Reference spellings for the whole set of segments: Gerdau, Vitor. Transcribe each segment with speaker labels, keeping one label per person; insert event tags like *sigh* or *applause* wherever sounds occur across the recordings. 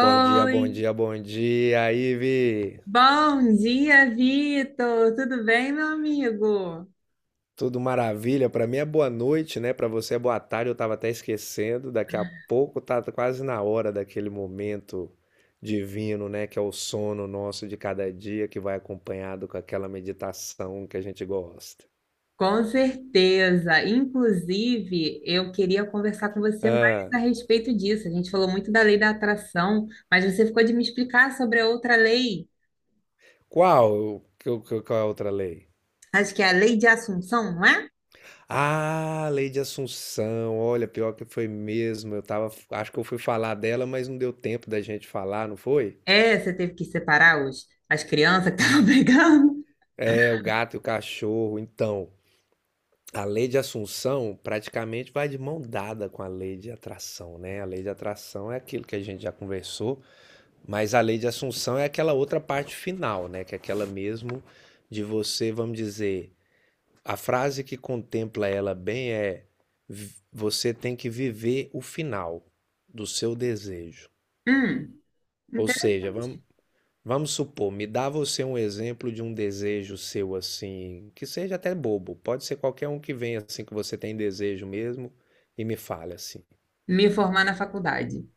Speaker 1: Bom dia, bom dia, bom dia, Ive.
Speaker 2: bom dia, Vitor. Tudo bem, meu amigo?
Speaker 1: Tudo maravilha? Pra mim é boa noite, né? Pra você é boa tarde, eu tava até esquecendo. Daqui a pouco tá quase na hora daquele momento divino, né? Que é o sono nosso de cada dia, que vai acompanhado com aquela meditação que a gente gosta.
Speaker 2: Com certeza. Inclusive, eu queria conversar com você mais
Speaker 1: Ah,
Speaker 2: a respeito disso. A gente falou muito da lei da atração, mas você ficou de me explicar sobre a outra lei.
Speaker 1: qual? Qual é a outra lei?
Speaker 2: Acho que é a lei de Assunção, não é?
Speaker 1: Ah, lei de Assunção. Olha, pior que foi mesmo. Eu tava, acho que eu fui falar dela, mas não deu tempo da gente falar, não foi?
Speaker 2: É, você teve que separar as crianças que estavam *laughs* brigando.
Speaker 1: É, o gato e o cachorro. Então, a lei de Assunção praticamente vai de mão dada com a lei de atração, né? A lei de atração é aquilo que a gente já conversou, mas a lei de Assunção é aquela outra parte final, né? Que é aquela mesmo de você, vamos dizer, a frase que contempla ela bem é: Você tem que viver o final do seu desejo."
Speaker 2: Hum,
Speaker 1: Ou seja, vamos,
Speaker 2: interessante.
Speaker 1: vamos supor, me dá você um exemplo de um desejo seu assim, que seja até bobo, pode ser qualquer um que venha assim que você tem desejo mesmo e me fale assim.
Speaker 2: Me formar na faculdade.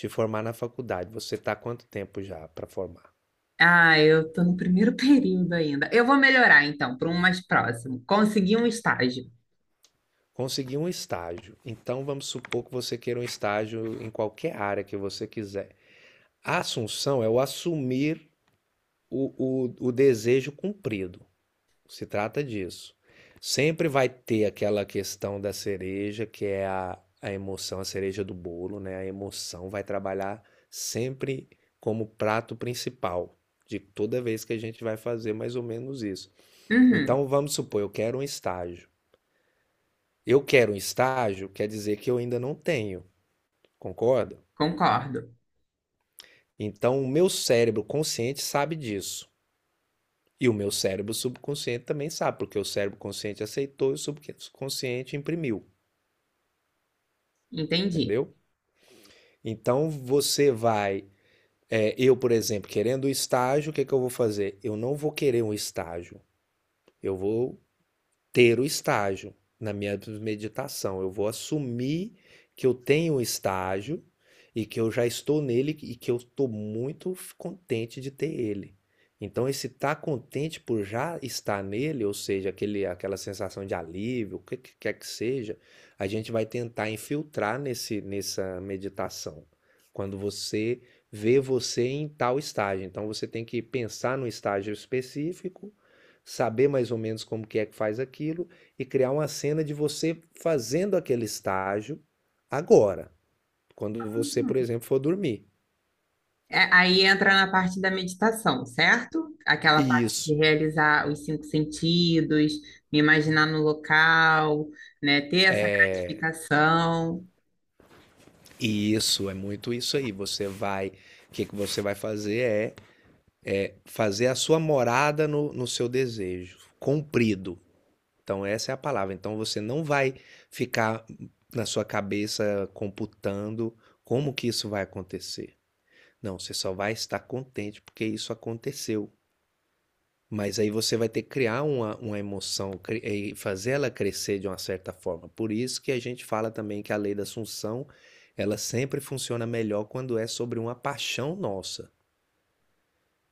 Speaker 1: Te formar na faculdade, você está quanto tempo já para formar?
Speaker 2: Ah, eu tô no primeiro *laughs* período ainda. Eu vou melhorar então, para um mais próximo. Consegui um estágio.
Speaker 1: Conseguir um estágio. Então vamos supor que você queira um estágio em qualquer área que você quiser. A assunção é o assumir o, o desejo cumprido. Se trata disso. Sempre vai ter aquela questão da cereja, que é a emoção, a cereja do bolo, né? A emoção vai trabalhar sempre como prato principal de toda vez que a gente vai fazer mais ou menos isso.
Speaker 2: Uhum,
Speaker 1: Então vamos supor, eu quero um estágio. Eu quero um estágio, quer dizer que eu ainda não tenho, concorda?
Speaker 2: concordo.
Speaker 1: Então o meu cérebro consciente sabe disso. E o meu cérebro subconsciente também sabe, porque o cérebro consciente aceitou e o subconsciente imprimiu,
Speaker 2: Entendi.
Speaker 1: entendeu? Então você vai, eu, por exemplo, querendo o estágio, o que que eu vou fazer? Eu não vou querer um estágio. Eu vou ter o estágio na minha meditação. Eu vou assumir que eu tenho um estágio e que eu já estou nele e que eu estou muito contente de ter ele. Então, esse estar contente por já estar nele, ou seja, aquele, aquela sensação de alívio, o que quer que seja, a gente vai tentar infiltrar nessa meditação. Quando você vê você em tal estágio. Então, você tem que pensar no estágio específico, saber mais ou menos como que é que faz aquilo e criar uma cena de você fazendo aquele estágio agora, quando você, por exemplo, for dormir.
Speaker 2: É, aí entra na parte da meditação, certo? Aquela
Speaker 1: E
Speaker 2: parte de
Speaker 1: isso
Speaker 2: realizar os cinco sentidos, me imaginar no local, né? Ter essa
Speaker 1: é
Speaker 2: gratificação.
Speaker 1: e isso é muito isso aí. Você vai, que você vai fazer é, é fazer a sua morada no seu desejo, cumprido. Então essa é a palavra. Então você não vai ficar na sua cabeça computando como que isso vai acontecer. Não, você só vai estar contente porque isso aconteceu. Mas aí você vai ter que criar uma emoção e fazer ela crescer de uma certa forma. Por isso que a gente fala também que a lei da Assunção, ela sempre funciona melhor quando é sobre uma paixão nossa.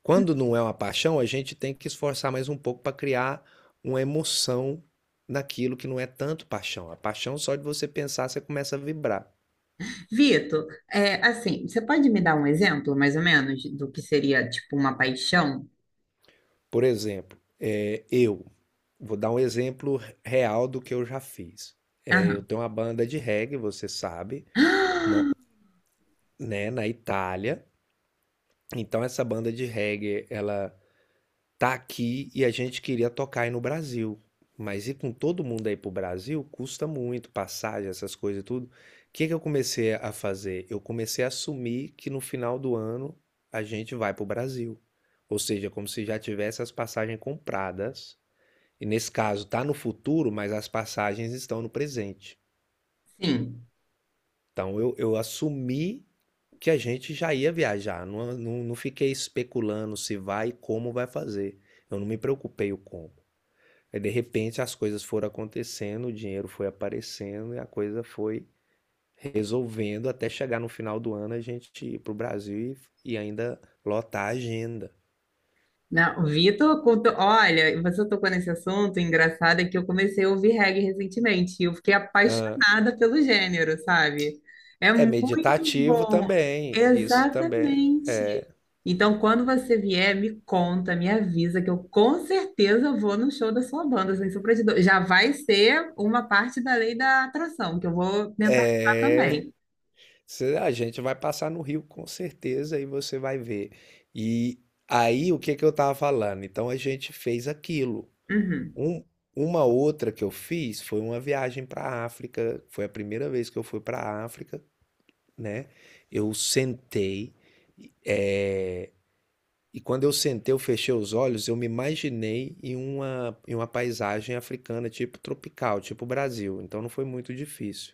Speaker 1: Quando não é uma paixão, a gente tem que esforçar mais um pouco para criar uma emoção naquilo que não é tanto paixão. A paixão só de você pensar, você começa a vibrar.
Speaker 2: Vitor, é, assim, você pode me dar um exemplo, mais ou menos, do que seria tipo uma paixão?
Speaker 1: Por exemplo, eu. Vou dar um exemplo real do que eu já fiz. É, eu
Speaker 2: Aham,
Speaker 1: tenho uma banda de reggae, você sabe, mo- né, na Itália. Então essa banda de reggae, ela tá aqui e a gente queria tocar aí no Brasil. Mas ir com todo mundo aí pro Brasil custa muito, passagem, essas coisas e tudo. O que que eu comecei a fazer? Eu comecei a assumir que no final do ano a gente vai pro Brasil. Ou seja, como se já tivesse as passagens compradas. E nesse caso está no futuro, mas as passagens estão no presente.
Speaker 2: sim.
Speaker 1: Então eu assumi que a gente já ia viajar, não fiquei especulando se vai e como vai fazer. Eu não me preocupei o como. Aí, de repente as coisas foram acontecendo, o dinheiro foi aparecendo e a coisa foi resolvendo até chegar no final do ano a gente ir para o Brasil ainda lotar a agenda.
Speaker 2: Não, Vitor, olha, você tocou nesse assunto, engraçado é que eu comecei a ouvir reggae recentemente e eu fiquei
Speaker 1: Ah,
Speaker 2: apaixonada pelo gênero, sabe? É
Speaker 1: é
Speaker 2: muito
Speaker 1: meditativo
Speaker 2: bom.
Speaker 1: também, isso também.
Speaker 2: Exatamente. Então, quando você vier, me conta, me avisa que eu com certeza vou no show da sua banda, sem sombra de dúvida. Já vai ser uma parte da lei da atração, que eu vou tentar ajudar
Speaker 1: É.
Speaker 2: também.
Speaker 1: A gente vai passar no Rio com certeza e você vai ver. E aí, o que que eu tava falando? Então a gente fez aquilo.
Speaker 2: Uhum.
Speaker 1: Um- uma outra que eu fiz foi uma viagem para a África. Foi a primeira vez que eu fui para a África, né? Eu sentei, eh, e quando eu sentei, eu fechei os olhos, eu me imaginei em em uma paisagem africana, tipo tropical, tipo Brasil. Então não foi muito difícil.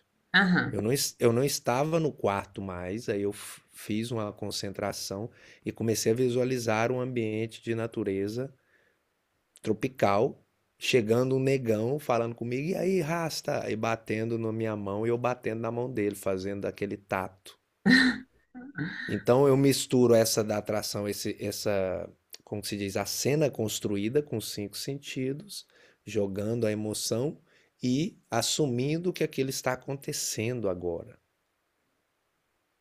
Speaker 1: Eu
Speaker 2: Aham.
Speaker 1: não, eu não estava no quarto mais, aí eu fiz uma concentração e comecei a visualizar um ambiente de natureza tropical, chegando um negão falando comigo, e aí, rasta? E batendo na minha mão e eu batendo na mão dele, fazendo aquele tato. Então eu misturo essa da atração, como que se diz, a cena construída com os cinco sentidos, jogando a emoção e assumindo que aquilo está acontecendo agora.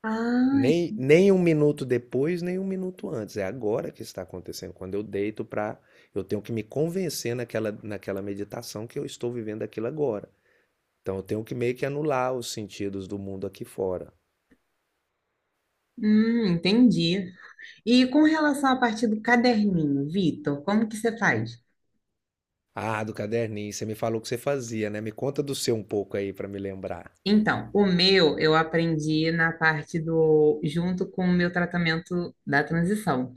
Speaker 2: Ah,
Speaker 1: Nem um minuto depois, nem um minuto antes. É agora que está acontecendo. Quando eu deito para. Eu tenho que me convencer naquela meditação que eu estou vivendo aquilo agora. Então eu tenho que meio que anular os sentidos do mundo aqui fora.
Speaker 2: entendi. E com relação à parte do caderninho, Vitor, como que você faz?
Speaker 1: Ah, do caderninho, você me falou que você fazia, né? Me conta do seu um pouco aí para me lembrar.
Speaker 2: Então, o meu eu aprendi na parte do, junto com o meu tratamento da transição.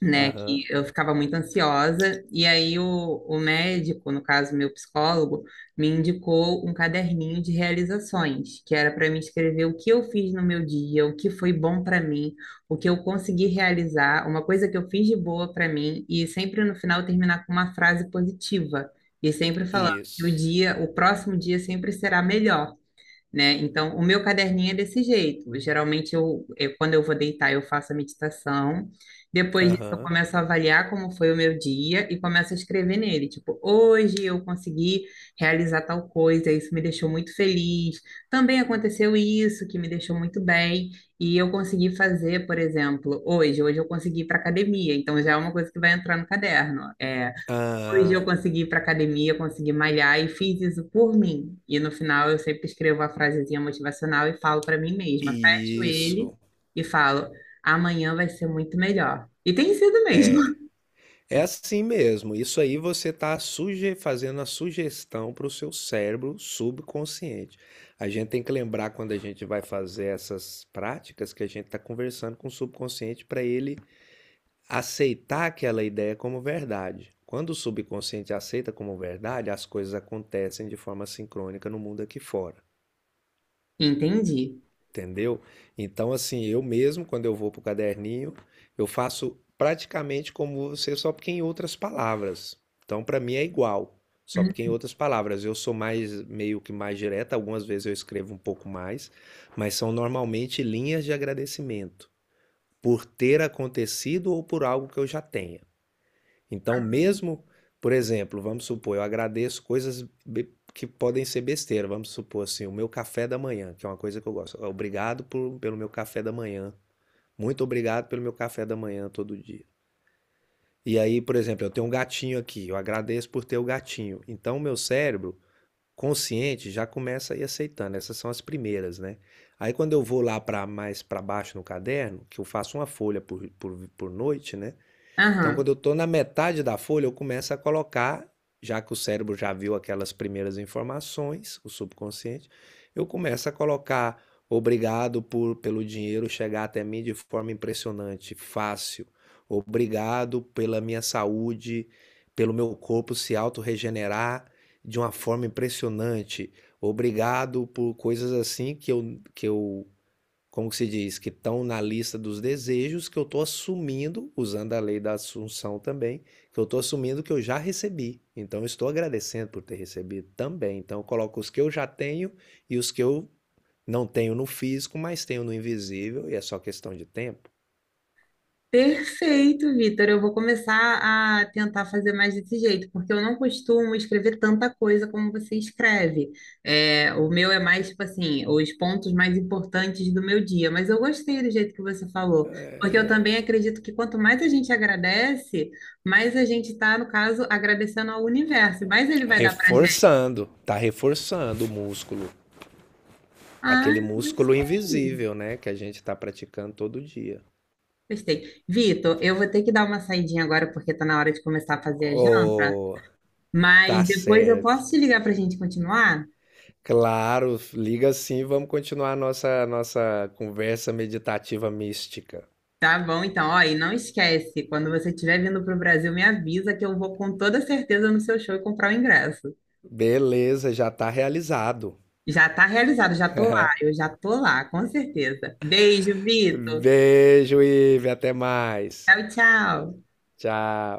Speaker 2: Né, que
Speaker 1: Aham.
Speaker 2: eu ficava muito ansiosa, e aí o médico, no caso meu psicólogo, me indicou um caderninho de realizações, que era para mim escrever o que eu fiz no meu dia, o que foi bom para mim, o que eu consegui realizar, uma coisa que eu fiz de boa para mim, e sempre no final terminar com uma frase positiva, e sempre falando que o
Speaker 1: Isso.
Speaker 2: dia, o próximo dia sempre será melhor, né? Então, o meu caderninho é desse jeito. Geralmente, quando eu vou deitar, eu faço a meditação. Depois disso, eu
Speaker 1: Aham.
Speaker 2: começo a avaliar como foi o meu dia e começo a escrever nele. Tipo, hoje eu consegui realizar tal coisa, isso me deixou muito feliz. Também aconteceu isso, que me deixou muito bem. E eu consegui fazer, por exemplo, hoje. Hoje eu consegui ir para academia. Então, já é uma coisa que vai entrar no caderno. É, hoje eu
Speaker 1: Ah,
Speaker 2: consegui ir para academia, consegui malhar e fiz isso por mim. E no final eu sempre escrevo a frasezinha motivacional e falo para mim mesma, fecho ele
Speaker 1: isso.
Speaker 2: e falo: amanhã vai ser muito melhor. E tem sido mesmo. *laughs*
Speaker 1: É assim mesmo. Isso aí você está suge fazendo a sugestão para o seu cérebro subconsciente. A gente tem que lembrar quando a gente vai fazer essas práticas que a gente está conversando com o subconsciente para ele aceitar aquela ideia como verdade. Quando o subconsciente aceita como verdade, as coisas acontecem de forma sincrônica no mundo aqui fora.
Speaker 2: Entendi.
Speaker 1: Entendeu? Então, assim, eu mesmo, quando eu vou pro caderninho, eu faço praticamente como você, só porque em outras palavras. Então, para mim é igual, só porque em
Speaker 2: Hum,
Speaker 1: outras palavras. Eu sou mais, meio que mais direta, algumas vezes eu escrevo um pouco mais, mas são normalmente linhas de agradecimento por ter acontecido ou por algo que eu já tenha. Então, mesmo, por exemplo, vamos supor, eu agradeço coisas que podem ser besteira. Vamos supor assim, o meu café da manhã, que é uma coisa que eu gosto. Pelo meu café da manhã. Muito obrigado pelo meu café da manhã todo dia. E aí, por exemplo, eu tenho um gatinho aqui, eu agradeço por ter o gatinho. Então, o meu cérebro consciente já começa a ir aceitando. Essas são as primeiras, né? Aí, quando eu vou lá para mais para baixo no caderno, que eu faço uma folha por noite, né? Então,
Speaker 2: Aham.
Speaker 1: quando eu estou na metade da folha, eu começo a colocar, já que o cérebro já viu aquelas primeiras informações, o subconsciente, eu começo a colocar obrigado pelo dinheiro chegar até mim de forma impressionante, fácil. Obrigado pela minha saúde, pelo meu corpo se auto regenerar de uma forma impressionante. Obrigado por coisas assim que eu, como que se diz, que estão na lista dos desejos que eu estou assumindo, usando a lei da assunção também, que eu estou assumindo que eu já recebi. Então, eu estou agradecendo por ter recebido também. Então, eu coloco os que eu já tenho e os que eu não tenho no físico, mas tenho no invisível, e é só questão de tempo.
Speaker 2: Perfeito, Vitor. Eu vou começar a tentar fazer mais desse jeito, porque eu não costumo escrever tanta coisa como você escreve. É, o meu é mais, tipo assim, os pontos mais importantes do meu dia. Mas eu gostei do jeito que você falou, porque eu também acredito que quanto mais a gente agradece, mais a gente está, no caso, agradecendo ao universo, mais ele vai dar pra gente.
Speaker 1: Reforçando, tá reforçando o músculo.
Speaker 2: Ah,
Speaker 1: Aquele músculo
Speaker 2: gostei.
Speaker 1: invisível, né? Que a gente está praticando todo dia.
Speaker 2: Gostei. Vitor, eu vou ter que dar uma saidinha agora, porque tá na hora de começar a fazer a janta.
Speaker 1: Oh, tá
Speaker 2: Mas depois eu
Speaker 1: certo.
Speaker 2: posso te ligar para a gente continuar?
Speaker 1: Claro, liga sim, vamos continuar a nossa conversa meditativa mística.
Speaker 2: Tá bom, então. Ó, e não esquece, quando você estiver vindo para o Brasil, me avisa que eu vou com toda certeza no seu show e comprar o ingresso.
Speaker 1: Beleza, já está realizado.
Speaker 2: Já tá realizado, já tô lá, eu já tô lá, com certeza. Beijo, Vitor.
Speaker 1: Beijo, Ive, até mais.
Speaker 2: Tchau, tchau.
Speaker 1: Tchau.